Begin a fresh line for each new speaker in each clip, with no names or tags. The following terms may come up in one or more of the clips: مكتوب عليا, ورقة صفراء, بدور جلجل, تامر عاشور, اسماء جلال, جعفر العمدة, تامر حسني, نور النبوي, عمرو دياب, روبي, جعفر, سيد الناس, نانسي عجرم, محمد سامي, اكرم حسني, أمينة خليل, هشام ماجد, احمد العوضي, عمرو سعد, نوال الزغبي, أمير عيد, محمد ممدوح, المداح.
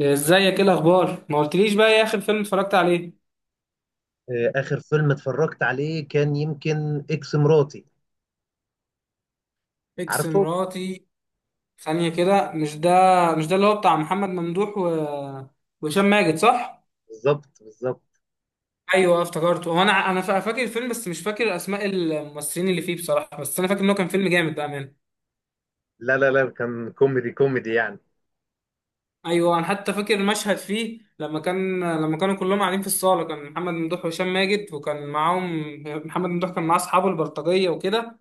ازيك؟ ايه الاخبار؟ ما قلتليش بقى ايه اخر فيلم اتفرجت عليه؟
آخر فيلم اتفرجت عليه كان يمكن إكس مراتي،
اكس
عارفه؟
مراتي؟ ثانية كده، مش ده. مش ده اللي هو بتاع محمد ممدوح وهشام ماجد، صح؟
بالظبط بالظبط.
ايوه افتكرته. هو فاكر الفيلم، بس مش فاكر اسماء الممثلين اللي فيه بصراحة، بس انا فاكر انه كان فيلم جامد بأمانة.
لا لا لا، كان كوميدي كوميدي يعني.
ايوه، انا حتى فاكر المشهد فيه لما كانوا كلهم قاعدين في الصالة، كان محمد ممدوح وهشام ماجد وكان معاهم. محمد ممدوح كان معاه اصحابه البلطجية وكده،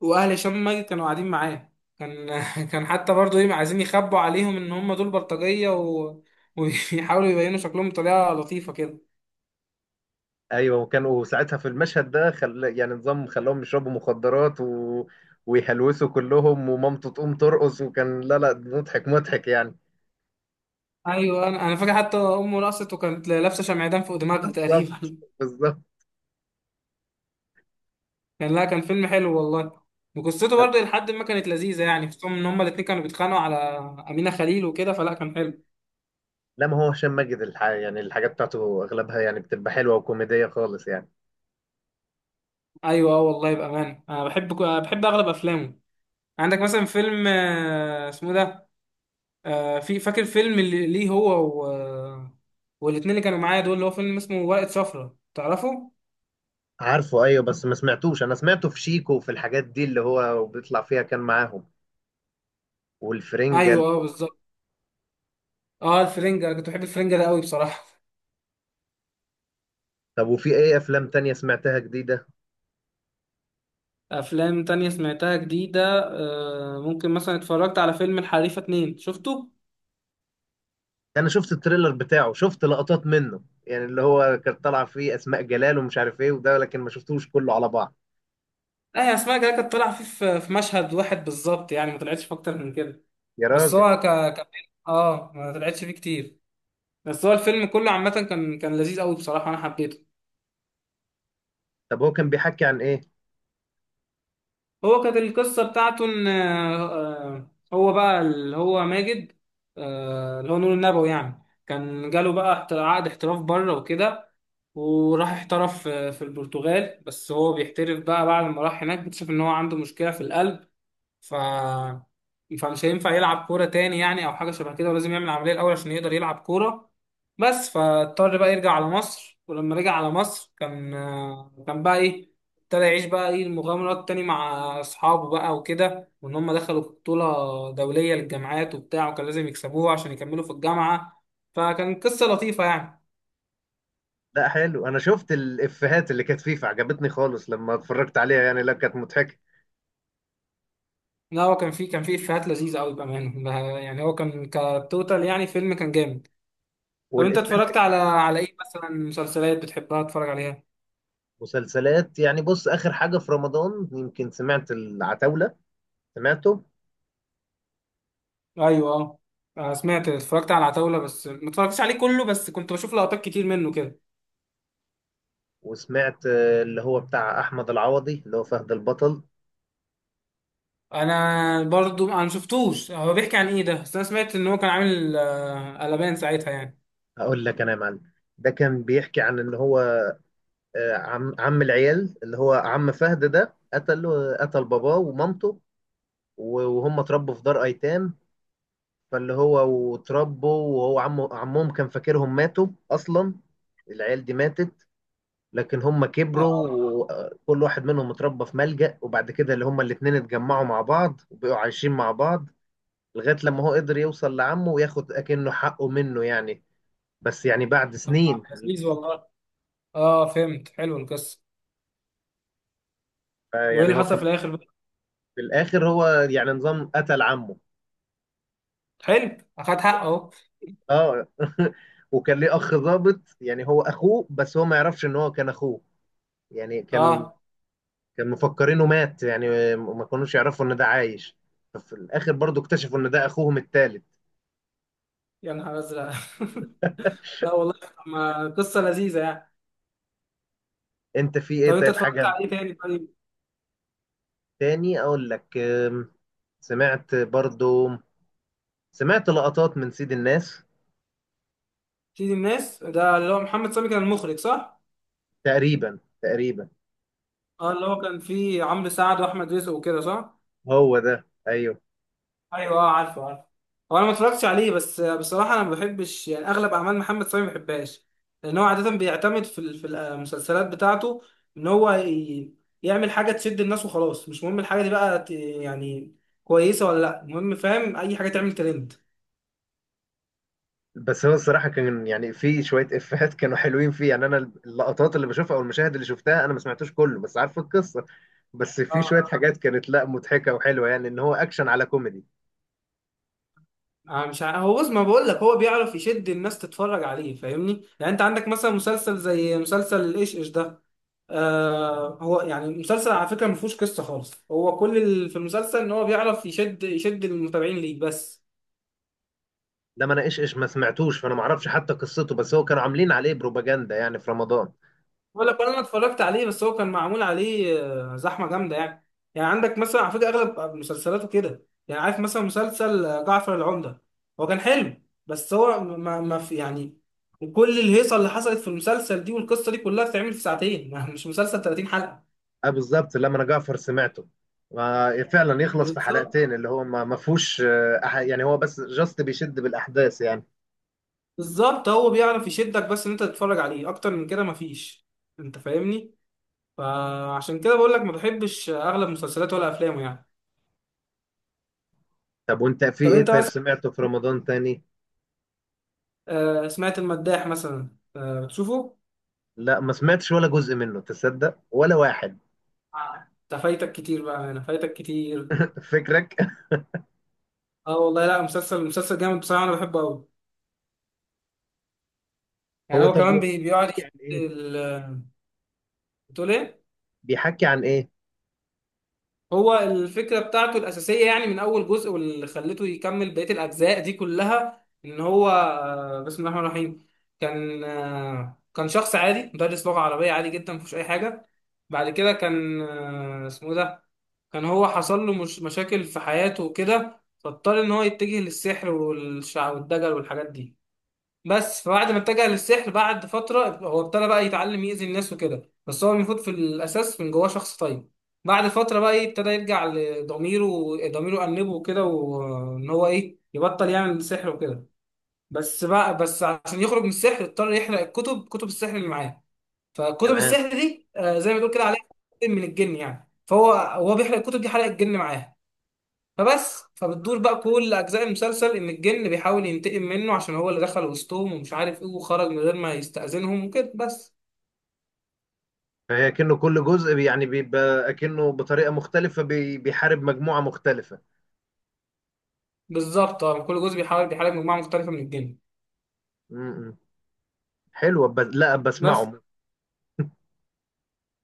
واهل هشام ماجد كانوا قاعدين معاه. كان كان حتى برضه ايه، عايزين يخبوا عليهم ان هم دول بلطجيه ويحاولوا يبينوا شكلهم بطريقه لطيفه كده.
أيوه، وكانوا ساعتها في المشهد ده يعني نظام خلاهم يشربوا مخدرات ويهلوسوا كلهم ومامته تقوم ترقص، وكان لا لا مضحك مضحك يعني.
ايوه، انا فاكر حتى امه رقصت وكانت لابسه شمعدان فوق دماغها
بالظبط
تقريبا
بالظبط.
كان لا، كان فيلم حلو والله، وقصته برضه لحد ما كانت لذيذه يعني، خصوصا ان هم الاتنين كانوا بيتخانقوا على امينه خليل وكده، فلا كان حلو.
لا، ما هو هشام ماجد يعني الحاجات بتاعته أغلبها يعني بتبقى حلوة وكوميدية خالص يعني.
ايوه اه والله بامانه، انا بحب اغلب افلامه. عندك مثلا فيلم اسمه ده في فاكر فيلم اللي ليه هو والاتنين اللي كانوا معايا دول، اللي هو فيلم اسمه ورقة صفرا، تعرفه؟
عارفه، ايوه. بس ما سمعتوش، انا سمعته في شيكو وفي الحاجات دي اللي هو بيطلع فيها كان معاهم والفرنجل.
ايوه اه بالظبط. اه الفرنجة، انا كنت بحب الفرنجة ده قوي بصراحة
طب وفي ايه افلام تانية سمعتها جديدة؟
افلام تانية سمعتها جديدة، ممكن مثلا اتفرجت على فيلم الحريفة اتنين، شفته؟
انا شفت التريلر بتاعه، شفت لقطات منه، يعني اللي هو كان طالع فيه اسماء جلال ومش عارف ايه وده، لكن ما شفتوش كله على بعض.
لا يا، اسماء جلال كانت طالعة فيه في مشهد واحد بالظبط، يعني ما طلعتش في اكتر من كده.
يا
بس
راجل.
هو ك... ك... اه ما طلعتش فيه كتير، بس هو الفيلم كله عامة كان كان لذيذ قوي بصراحة، انا حبيته.
طب هو كان بيحكي عن ايه؟
هو كانت القصة بتاعته إن هو بقى اللي هو ماجد، اللي هو نور النبوي، يعني كان جاله بقى عقد احتراف بره وكده، وراح احترف في البرتغال، بس هو بيحترف بقى بعد ما راح هناك، اكتشف إن هو عنده مشكلة في القلب. ف فمش هينفع يلعب كورة تاني يعني، أو حاجة شبه كده، ولازم يعمل عملية الأول عشان يقدر يلعب كورة. بس فاضطر بقى يرجع على مصر، ولما رجع على مصر كان كان بقى إيه، ابتدى يعيش بقى إيه المغامرات تاني مع أصحابه بقى وكده، وإن هم دخلوا بطولة دولية للجامعات وبتاع، وكان لازم يكسبوها عشان يكملوا في الجامعة. فكان قصة لطيفة يعني.
لا حلو، انا شفت الافيهات اللي كانت فيه فعجبتني خالص لما اتفرجت عليها، يعني لا كانت مضحكة.
لا هو كان فيه كان فيه إفيهات لذيذة أوي بأمانة، ده يعني هو كان كتوتال، يعني فيلم كان جامد. طب انت
والافيه اللي في
اتفرجت على ايه مثلا؟ مسلسلات بتحبها تتفرج عليها؟
المسلسلات، يعني بص، اخر حاجة في رمضان يمكن سمعت العتاولة. سمعته.
ايوه اه. سمعت اتفرجت على العتاولة، بس ما اتفرجتش عليه كله، بس كنت بشوف لقطات كتير منه كده.
وسمعت اللي هو بتاع احمد العوضي اللي هو فهد البطل.
انا برضو انا شفتوش، هو بيحكي عن ايه ده؟ بس انا سمعت ان هو كان عامل قلبان ساعتها يعني.
هقول لك انا يا معلم. ده كان بيحكي عن ان هو عم العيال اللي هو عم فهد ده قتل باباه ومامته. وهم اتربوا في دار ايتام، فاللي هو واتربوا، وهو عمهم كان فاكرهم ماتوا اصلا. العيال دي ماتت، لكن هم كبروا
اه،
وكل واحد منهم اتربى في ملجأ. وبعد كده اللي هم الاتنين اتجمعوا مع بعض وبقوا عايشين مع بعض، لغاية لما هو قدر يوصل لعمه وياخد اكنه حقه منه يعني، بس يعني بعد
طب
سنين.
لذيذ والله. اه فهمت، حلو القصة. وايه
يعني
اللي
هو
حصل في
كان.
الاخر بقى؟
في الاخر هو يعني نظام قتل عمه.
حلو، اخد حقه اهو.
اه. وكان ليه اخ ضابط، يعني هو اخوه بس هو ما يعرفش ان هو كان اخوه. يعني كان
اه،
كان مفكرينه مات يعني، ما كانوش يعرفوا ان ده عايش. ففي الاخر برضو اكتشفوا ان ده اخوهم التالت.
يا نهار ازرق لا والله طب ما قصة لذيذة يعني.
انت في ايه
طب انت
طيب
اتفرجت
حاجة
على ايه تاني طيب؟
تاني؟ اقول لك. سمعت برضو، سمعت لقطات من سيد الناس.
سيد الناس ده اللي هو محمد سامي كان المخرج، صح؟
تقريبا تقريبا.
اه اللي هو كان فيه عمرو سعد واحمد رزق وكده، صح؟
هو ده، ايوه.
ايوه اه، عارفه عارفه. هو انا ما اتفرجتش عليه، بس بصراحه انا ما بحبش يعني اغلب اعمال محمد سامي ما بحبهاش، لان هو عاده بيعتمد في المسلسلات بتاعته ان يعمل حاجه تشد الناس وخلاص، مش مهم الحاجه دي بقى يعني كويسه ولا لا، المهم فاهم اي حاجه تعمل ترند.
بس هو الصراحه كان يعني في شويه افيهات كانوا حلوين فيه، يعني انا اللقطات اللي بشوفها او المشاهد اللي شفتها، انا ما سمعتوش كله بس عارف القصه. بس في شويه
اه،
حاجات كانت لا مضحكه وحلوه يعني، ان هو اكشن على كوميدي.
آه، مش ع- هو بص ما بقول لك، هو بيعرف يشد الناس تتفرج عليه، فاهمني يعني؟ انت عندك مثلا مسلسل زي مسلسل الايش ايش ده، آه هو يعني المسلسل على فكره ما فيهوش قصه خالص، هو كل اللي في المسلسل ان هو بيعرف يشد المتابعين ليه بس.
لما انا ايش ايش ما سمعتوش، فانا ما اعرفش حتى قصته، بس هو كانوا عاملين عليه بروباجندا يعني في رمضان.
بقول لك انا اتفرجت عليه، بس هو كان معمول عليه زحمه جامده يعني. يعني عندك مثلا على فكره اغلب مسلسلاته كده، يعني عارف مثلا مسلسل جعفر العمده، هو كان حلو، بس هو ما في يعني كل الهيصه اللي حصلت في المسلسل دي والقصه دي كلها بتتعمل في ساعتين مش مسلسل 30 حلقه.
اه بالظبط. لما انا جعفر سمعته، فعلا يخلص في
بالظبط
حلقتين، اللي هو ما فيهوش يعني هو بس جاست بيشد بالاحداث يعني.
بالظبط، هو بيعرف يشدك بس ان انت تتفرج عليه، اكتر من كده مفيش. انت فاهمني؟ فعشان كده بقول لك ما بحبش اغلب مسلسلاته ولا افلامه يعني.
طب وانت في
طب
ايه
انت
طيب
مثلا،
سمعته في رمضان تاني؟
سمعت المداح مثلا، بتشوفه؟
لا ما سمعتش ولا جزء منه، تصدق؟ ولا واحد.
آه. ده فايتك كتير بقى، انا فايتك كتير.
فكرك.
اه والله لا، مسلسل مسلسل جامد بصراحه، انا بحبه قوي. يعني
هو
هو
طب
كمان
يعني
بيقعد
بيحكي
يشد
عن ايه؟
ال- بتقول ايه؟
بيحكي عن ايه.
هو الفكرة بتاعته الأساسية يعني من أول جزء، واللي خلته يكمل بقية الأجزاء دي كلها، إن هو بسم الله الرحمن الرحيم، كان كان شخص عادي، مدرس لغة عربية عادي جدا مفيهوش أي حاجة. بعد كده كان اسمه إيه ده، كان هو حصل له مش مشاكل في حياته وكده، فاضطر إن هو يتجه للسحر والشع والدجل والحاجات دي. بس فبعد ما اتجه للسحر بعد فترة، هو ابتدى بقى يتعلم يأذي الناس وكده، بس هو المفروض في الأساس من جواه شخص طيب. بعد فترة بقى إيه، ابتدى يرجع لضميره، ضميره أنبه وكده، وإن هو إيه يبطل يعمل السحر وكده، بس بقى عشان يخرج من السحر اضطر يحرق الكتب، كتب السحر اللي معاه. فكتب
تمام.
السحر دي زي ما تقول كده، عليها من الجن يعني، فهو بيحرق الكتب دي، حرق الجن معاه. فبتدور بقى كل اجزاء المسلسل ان الجن بيحاول ينتقم منه عشان هو اللي دخل وسطهم، ومش عارف ايه، وخرج من غير ما يستأذنهم وكده بس.
فهي كأنه كل جزء يعني بيبقى كأنه بطريقة مختلفة بيحارب مجموعة مختلفة.
بالظبط اه، كل جزء بيحاول بيحارب مجموعه مختلفه من الجن
م-م. حلوة بس لا
بس.
بسمعه.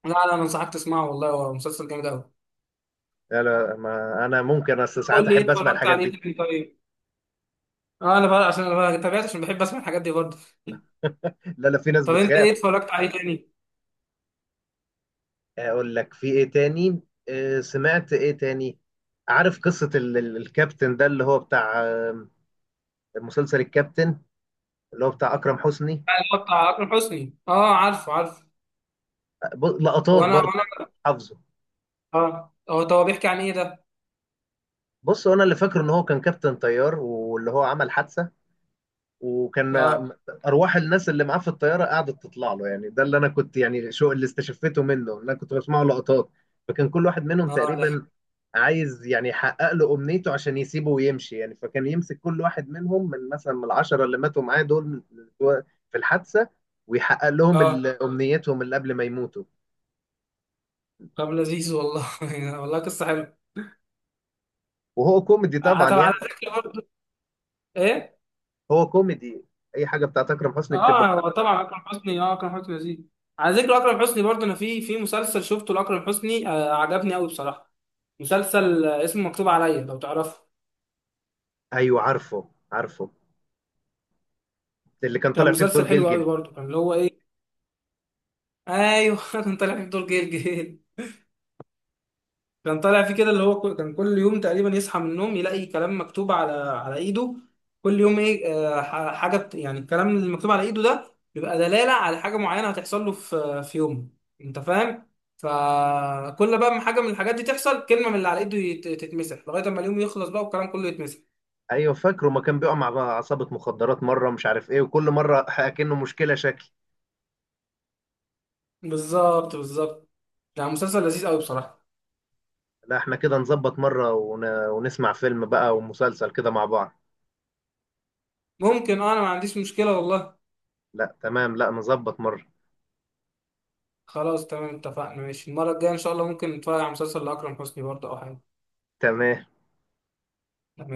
لا انا انصحك تسمعه والله، هو مسلسل جامد قوي.
لا لا، ما انا ممكن اصل ساعات
قول لي
احب
ايه
اسمع
اتفرجت
الحاجات
عليه
دي.
تاني طيب؟ اه انا بقى عشان انا تابعت، عشان بحب اسمع الحاجات دي برضه.
لا لا، في ناس
طب انت
بتخاف.
ايه اتفرجت عليه تاني؟
اقول لك في ايه تاني. سمعت ايه تاني. عارف قصة الكابتن ده اللي هو بتاع مسلسل الكابتن اللي هو بتاع اكرم حسني.
اللي هو بتاع اكرم حسني، اه عارفه عارفه.
لقطات
هو انا هو
برضه يعني.
انا
حافظه.
اه، هو طب هو بيحكي عن ايه ده؟
بص، هو انا اللي فاكره ان هو كان كابتن طيار واللي هو عمل حادثه، وكان م-
اه،
ارواح الناس اللي معاه في الطياره قعدت تطلع له، يعني ده اللي انا كنت يعني شو اللي استشفيته منه، إن انا كنت بسمعه لقطات. فكان كل واحد منهم
اه ده.
تقريبا عايز يعني يحقق له امنيته عشان يسيبه ويمشي يعني. فكان يمسك كل واحد منهم، من مثلا من 10 اللي ماتوا معاه دول في الحادثه، ويحقق لهم
اه
امنيتهم اللي قبل ما يموتوا.
طب لذيذ والله والله قصه حلوه.
وهو كوميدي طبعا
طب على
يعني.
ذكر برضه، ايه
هو كوميدي. اي حاجه بتاعت اكرم حسني بتبقى
اه،
كوميدي.
هو طبعا اكرم حسني، اه اكرم حسني لذيذ. على ذكر اكرم حسني برضه، انا في في مسلسل شفته لاكرم حسني آه عجبني قوي بصراحه، مسلسل اسمه مكتوب عليا، لو تعرفه
ايوه عارفه عارفه. اللي كان
كان
طالع فيه بدور
مسلسل حلو قوي
جلجل.
برضه. كان اللي هو ايه، ايوه كان طالع في دور جيل جيل. كان طالع فيه كده اللي هو كان كل يوم تقريبا يصحى من النوم يلاقي كلام مكتوب على ايده، كل يوم ايه حاجه يعني الكلام اللي مكتوب على ايده ده بيبقى دلاله على حاجه معينه هتحصل له في يومه، انت فاهم؟ فكل بقى ما حاجه من الحاجات دي تحصل، كلمه من اللي على ايده تتمسح، لغايه اما اليوم يخلص بقى والكلام كله يتمسح.
ايوه فاكره، ما كان بيقع مع عصابه مخدرات مره مش عارف ايه، وكل مره اكنه مشكله شكل.
بالظبط بالظبط، يعني مسلسل لذيذ قوي بصراحه.
لا احنا كده نظبط مره ونسمع فيلم بقى ومسلسل كده مع بعض.
ممكن اه، انا ما عنديش مشكله والله.
لا تمام، لا نظبط مره.
خلاص تمام، اتفقنا، ماشي، المره الجايه ان شاء الله ممكن نتفرج على مسلسل لاكرم حسني برضه او حاجه.
تمام